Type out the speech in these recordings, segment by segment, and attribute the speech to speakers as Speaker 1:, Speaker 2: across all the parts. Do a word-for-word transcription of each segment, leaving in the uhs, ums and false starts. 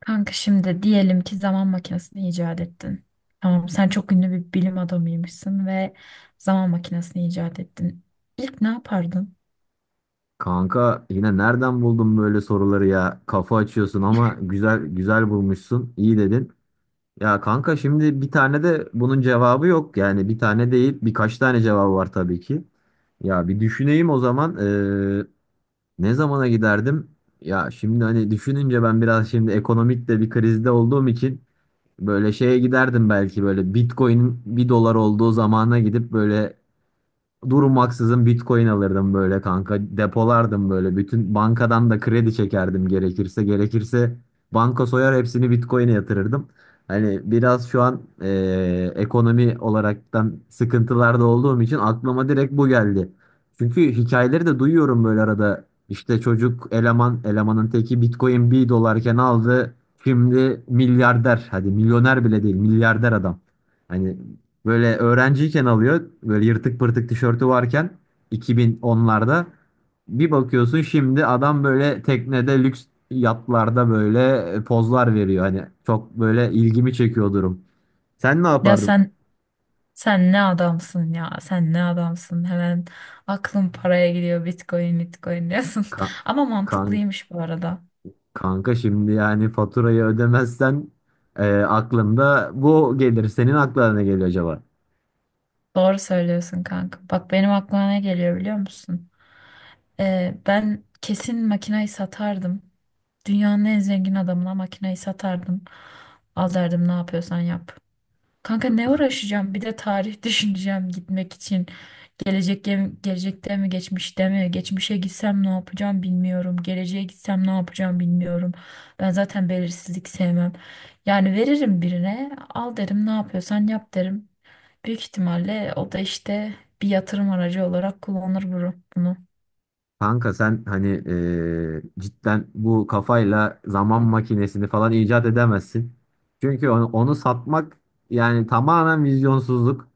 Speaker 1: Kanka şimdi diyelim ki zaman makinesini icat ettin. Tamam, sen çok ünlü bir bilim adamıymışsın ve zaman makinesini icat ettin. İlk ne yapardın?
Speaker 2: Kanka yine nereden buldun böyle soruları ya? Kafa açıyorsun ama güzel güzel bulmuşsun. İyi dedin. Ya kanka şimdi bir tane de bunun cevabı yok. Yani bir tane değil, birkaç tane cevabı var tabii ki. Ya bir düşüneyim o zaman. Ee, ne zamana giderdim? Ya şimdi hani düşününce ben biraz şimdi ekonomik de bir krizde olduğum için böyle şeye giderdim, belki böyle Bitcoin'in bir dolar olduğu zamana gidip böyle durmaksızın Bitcoin alırdım böyle kanka. Depolardım böyle. Bütün bankadan da kredi çekerdim gerekirse. Gerekirse banka soyar, hepsini Bitcoin'e yatırırdım. Hani biraz şu an eee, ekonomi olaraktan sıkıntılarda olduğum için aklıma direkt bu geldi. Çünkü hikayeleri de duyuyorum böyle arada. İşte çocuk eleman, elemanın teki Bitcoin bir dolarken aldı. Şimdi milyarder. Hadi milyoner bile değil, milyarder adam. Hani böyle öğrenciyken alıyor. Böyle yırtık pırtık tişörtü varken iki bin onlarda bir bakıyorsun, şimdi adam böyle teknede lüks yatlarda böyle e, pozlar veriyor. Hani çok böyle ilgimi çekiyor durum. Sen ne
Speaker 1: Ya
Speaker 2: yapardın?
Speaker 1: sen sen ne adamsın ya? Sen ne adamsın? Hemen aklım paraya gidiyor. Bitcoin, Bitcoin diyorsun.
Speaker 2: Ka-
Speaker 1: Ama
Speaker 2: kan
Speaker 1: mantıklıymış bu arada.
Speaker 2: kanka şimdi yani faturayı ödemezsen e, aklında bu gelir. Senin aklına ne geliyor acaba?
Speaker 1: Doğru söylüyorsun kanka. Bak benim aklıma ne geliyor biliyor musun? Ee, ben kesin makinayı satardım. Dünyanın en zengin adamına makinayı satardım. Al derdim, ne yapıyorsan yap. Kanka ne uğraşacağım? Bir de tarih düşüneceğim gitmek için. Gelecek gelecekte mi, geçmişte mi? Geçmişe gitsem ne yapacağım bilmiyorum. Geleceğe gitsem ne yapacağım bilmiyorum. Ben zaten belirsizlik sevmem. Yani veririm birine, al derim, ne yapıyorsan yap derim. Büyük ihtimalle o da işte bir yatırım aracı olarak kullanır bunu. bunu.
Speaker 2: Kanka sen hani eee, cidden bu kafayla zaman makinesini falan icat edemezsin. Çünkü onu, onu satmak yani tamamen vizyonsuzluk.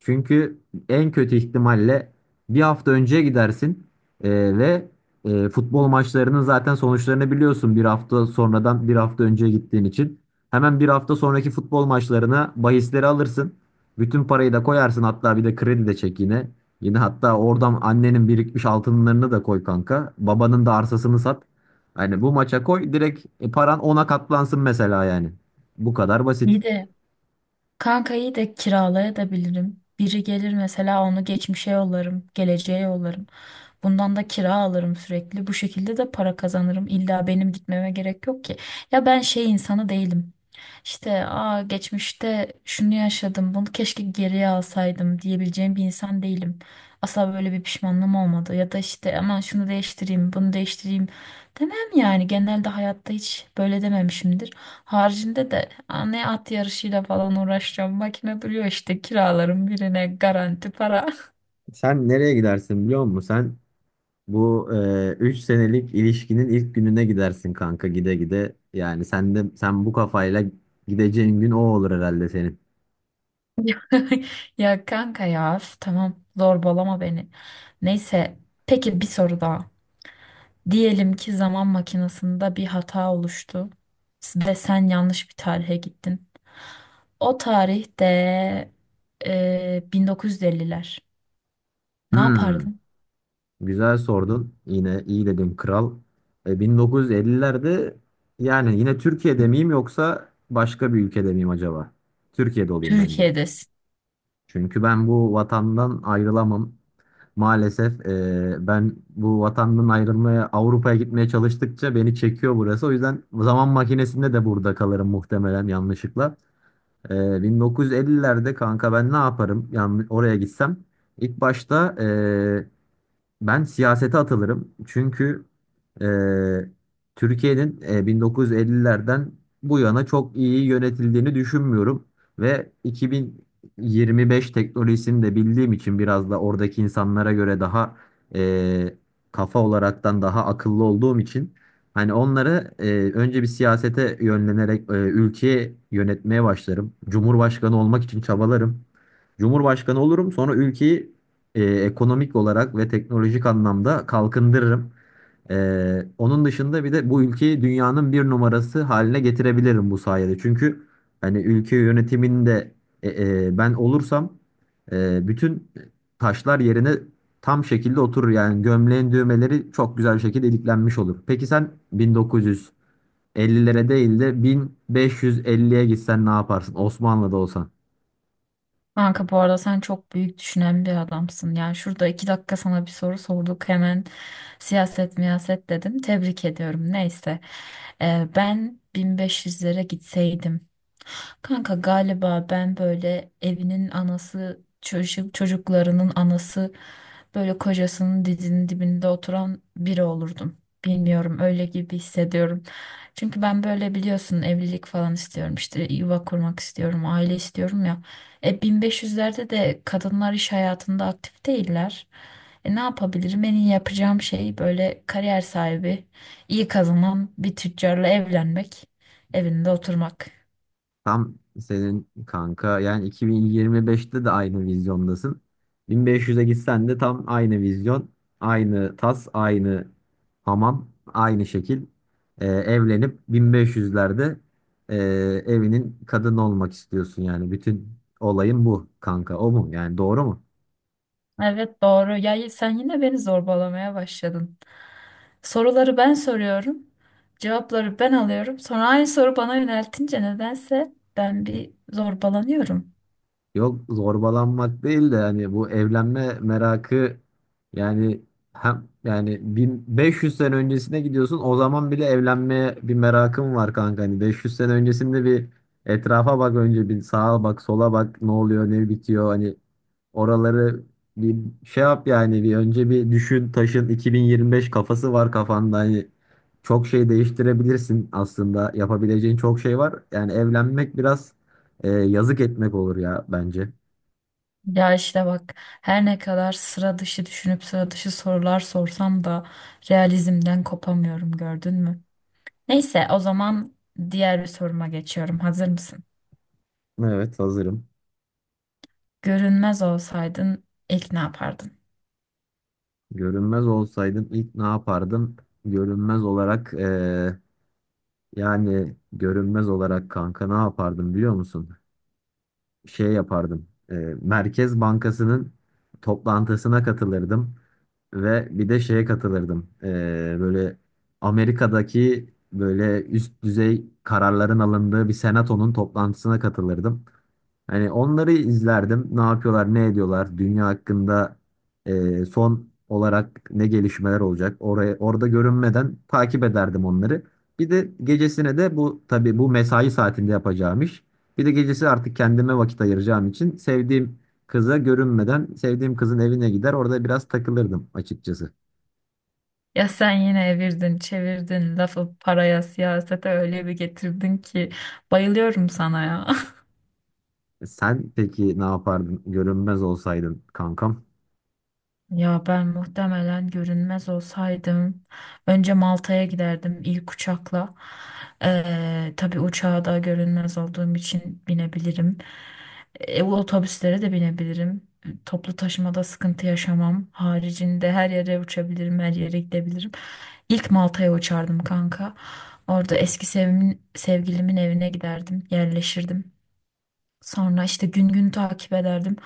Speaker 2: Çünkü en kötü ihtimalle bir hafta önceye gidersin eee, ve eee, futbol maçlarının zaten sonuçlarını biliyorsun, bir hafta sonradan bir hafta önceye gittiğin için. Hemen bir hafta sonraki futbol maçlarına bahisleri alırsın. Bütün parayı da koyarsın, hatta bir de kredi de çek yine. Yine hatta oradan annenin birikmiş altınlarını da koy kanka. Babanın da arsasını sat. Hani bu maça koy direkt e, paran ona katlansın mesela yani. Bu kadar basit.
Speaker 1: İyi de kankayı da kiralayabilirim. Biri gelir mesela, onu geçmişe yollarım, geleceğe yollarım. Bundan da kira alırım sürekli. Bu şekilde de para kazanırım. İlla benim gitmeme gerek yok ki. Ya ben şey insanı değilim. İşte aa, geçmişte şunu yaşadım, bunu keşke geriye alsaydım diyebileceğim bir insan değilim. Asla böyle bir pişmanlığım olmadı. Ya da işte aman şunu değiştireyim, bunu değiştireyim demem yani, genelde hayatta hiç böyle dememişimdir. Haricinde de "Aa, ne at yarışıyla falan uğraşacağım. Makine duruyor işte, kiralarım birine, garanti para."
Speaker 2: Sen nereye gidersin biliyor musun? Sen bu e, üç senelik ilişkinin ilk gününe gidersin kanka, gide gide. Yani sen de, sen bu kafayla gideceğin gün o olur herhalde senin.
Speaker 1: Ya kanka ya üf, tamam, zorbalama beni. Neyse, peki bir soru daha. Diyelim ki zaman makinesinde bir hata oluştu ve sen yanlış bir tarihe gittin. O tarihte e, bin dokuz yüz elliler. Ne
Speaker 2: Hmm.
Speaker 1: yapardın?
Speaker 2: Güzel sordun. Yine iyi dedin kral. E, bin dokuz yüz ellilerde yani yine Türkiye'de miyim yoksa başka bir ülkede miyim acaba? Türkiye'de olayım bence.
Speaker 1: Türkiye'de.
Speaker 2: Çünkü ben bu vatandan ayrılamam. Maalesef e, ben bu vatandan ayrılmaya, Avrupa'ya gitmeye çalıştıkça beni çekiyor burası. O yüzden zaman makinesinde de burada kalırım muhtemelen yanlışlıkla. E, bin dokuz yüz ellilerde kanka ben ne yaparım? Yani oraya gitsem. İlk başta e, ben siyasete atılırım. Çünkü eee, Türkiye'nin eee, bin dokuz yüz ellilerden bu yana çok iyi yönetildiğini düşünmüyorum. Ve iki bin yirmi beş teknolojisini de bildiğim için, biraz da oradaki insanlara göre daha eee, kafa olaraktan daha akıllı olduğum için, hani onları eee, önce bir siyasete yönlenerek eee, ülkeyi yönetmeye başlarım. Cumhurbaşkanı olmak için çabalarım. Cumhurbaşkanı olurum, sonra ülkeyi e, ekonomik olarak ve teknolojik anlamda kalkındırırım. E, onun dışında bir de bu ülkeyi dünyanın bir numarası haline getirebilirim bu sayede. Çünkü hani ülke yönetiminde e, e, ben olursam e, bütün taşlar yerine tam şekilde oturur. Yani gömleğin düğmeleri çok güzel bir şekilde iliklenmiş olur. Peki sen bin dokuz yüz ellilere değil de bin beş yüz elliye gitsen ne yaparsın? Osmanlı'da olsan.
Speaker 1: Kanka bu arada sen çok büyük düşünen bir adamsın. Yani şurada iki dakika sana bir soru sorduk, hemen siyaset miyaset dedim. Tebrik ediyorum. Neyse. Ee, ben bin beş yüzlere gitseydim. Kanka galiba ben böyle evinin anası, çocuk, çocuklarının anası, böyle kocasının dizinin dibinde oturan biri olurdum. Bilmiyorum, öyle gibi hissediyorum. Çünkü ben böyle biliyorsun, evlilik falan istiyorum, işte yuva kurmak istiyorum, aile istiyorum ya. E, bin beş yüzlerde de kadınlar iş hayatında aktif değiller. E, ne yapabilirim? En iyi yapacağım şey böyle kariyer sahibi, iyi kazanan bir tüccarla evlenmek, evinde oturmak.
Speaker 2: Tam senin kanka, yani iki bin yirmi beşte de aynı vizyondasın. bin beş yüze gitsen de tam aynı vizyon, aynı tas, aynı hamam, aynı şekil. Ee, evlenip bin beş yüzlerde ee, evinin kadını olmak istiyorsun yani. Bütün olayın bu kanka. O mu? Yani doğru mu?
Speaker 1: Evet, doğru. Ya y- sen yine beni zorbalamaya başladın. Soruları ben soruyorum. Cevapları ben alıyorum. Sonra aynı soru bana yöneltince nedense ben bir zorbalanıyorum.
Speaker 2: Yok, zorbalanmak değil de hani bu evlenme merakı yani. Hem yani bin beş yüz sene öncesine gidiyorsun, o zaman bile evlenmeye bir merakım var kanka. Hani beş yüz sene öncesinde bir etrafa bak, önce bir sağa bak sola bak, ne oluyor ne bitiyor. Hani oraları bir şey yap yani. Bir önce bir düşün taşın, iki bin yirmi beş kafası var kafanda, hani çok şey değiştirebilirsin aslında, yapabileceğin çok şey var yani. Evlenmek biraz ee, yazık etmek olur ya bence.
Speaker 1: Ya işte bak, her ne kadar sıra dışı düşünüp sıra dışı sorular sorsam da realizmden kopamıyorum, gördün mü? Neyse, o zaman diğer bir soruma geçiyorum. Hazır mısın?
Speaker 2: Evet, hazırım.
Speaker 1: Görünmez olsaydın ilk ne yapardın?
Speaker 2: Görünmez olsaydım ilk ne yapardım? Görünmez olarak ee, yani görünmez olarak kanka ne yapardım biliyor musun? Şey yapardım. Ee, Merkez Bankası'nın toplantısına katılırdım. Ve bir de şeye katılırdım. Ee, böyle Amerika'daki böyle üst düzey kararların alındığı bir senatonun toplantısına katılırdım. Hani onları izlerdim. Ne yapıyorlar, ne ediyorlar, dünya hakkında e, son olarak ne gelişmeler olacak. Oraya orada görünmeden takip ederdim onları. Bir de gecesine de, bu tabii bu mesai saatinde yapacağım iş. Bir de gecesi artık kendime vakit ayıracağım için, sevdiğim kıza görünmeden sevdiğim kızın evine gider, orada biraz takılırdım açıkçası.
Speaker 1: Ya sen yine evirdin, çevirdin, lafı paraya, siyasete öyle bir getirdin ki, bayılıyorum sana ya.
Speaker 2: E, Sen peki ne yapardın görünmez olsaydın kankam?
Speaker 1: Ya ben muhtemelen görünmez olsaydım önce Malta'ya giderdim ilk uçakla. Ee, tabii uçağa da görünmez olduğum için binebilirim. E, otobüslere de binebilirim. Toplu taşımada sıkıntı yaşamam. Haricinde her yere uçabilirim, her yere gidebilirim. İlk Malta'ya uçardım kanka. Orada eski sevimin, sevgilimin evine giderdim, yerleşirdim. Sonra işte gün gün takip ederdim.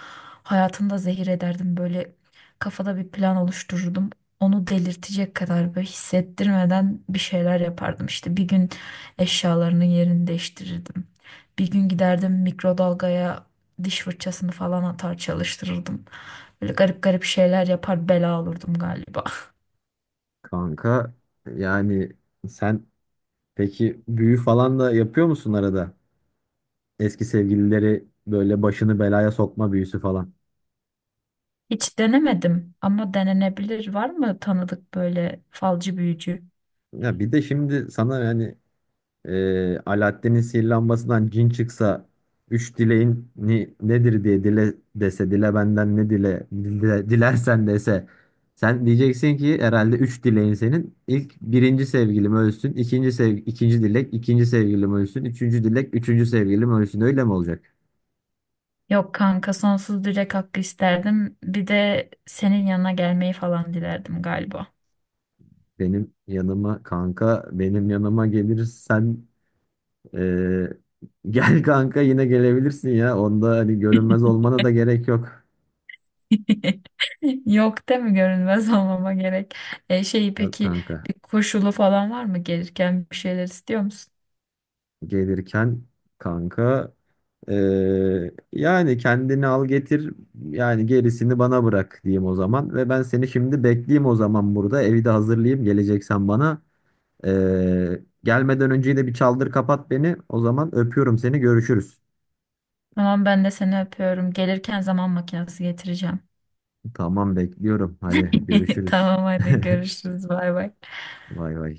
Speaker 1: Hayatını da zehir ederdim. Böyle kafada bir plan oluştururdum. Onu delirtecek kadar böyle hissettirmeden bir şeyler yapardım. İşte bir gün eşyalarının yerini değiştirirdim. Bir gün giderdim, mikrodalgaya diş fırçasını falan atar çalıştırırdım. Böyle garip garip şeyler yapar, bela olurdum galiba.
Speaker 2: Kanka yani sen peki büyü falan da yapıyor musun arada? Eski sevgilileri böyle başını belaya sokma büyüsü falan.
Speaker 1: Hiç denemedim ama denenebilir. Var mı tanıdık böyle falcı büyücü?
Speaker 2: Ya bir de şimdi sana yani e, Alaaddin'in sihirli lambasından cin çıksa, üç dileğin ni, nedir diye dile dese, dile benden ne dile, dile dilersen dese, sen diyeceksin ki herhalde üç dileğin senin, ilk birinci sevgilim ölsün, ikinci sev ikinci dilek, ikinci sevgilim ölsün, üçüncü dilek üçüncü sevgilim ölsün, öyle mi olacak?
Speaker 1: Yok kanka, sonsuz dilek hakkı isterdim. Bir de senin yanına gelmeyi falan dilerdim galiba.
Speaker 2: Benim yanıma kanka, benim yanıma gelirsen Ee, gel kanka, yine gelebilirsin ya. Onda hani görünmez olmana da gerek yok.
Speaker 1: Yok, değil mi, görünmez olmama gerek. E şey,
Speaker 2: Yok
Speaker 1: peki
Speaker 2: kanka.
Speaker 1: bir koşulu falan var mı, gelirken bir şeyler istiyor musun?
Speaker 2: Gelirken kanka ee, yani kendini al getir, yani gerisini bana bırak diyeyim o zaman, ve ben seni şimdi bekleyeyim o zaman, burada evi de hazırlayayım geleceksen bana. Ee, gelmeden önce de bir çaldır kapat beni o zaman. Öpüyorum seni, görüşürüz.
Speaker 1: Tamam, ben de seni öpüyorum. Gelirken zaman makinesi getireceğim.
Speaker 2: Tamam, bekliyorum, hadi görüşürüz.
Speaker 1: Tamam, hadi görüşürüz, bay bay.
Speaker 2: Vay vay.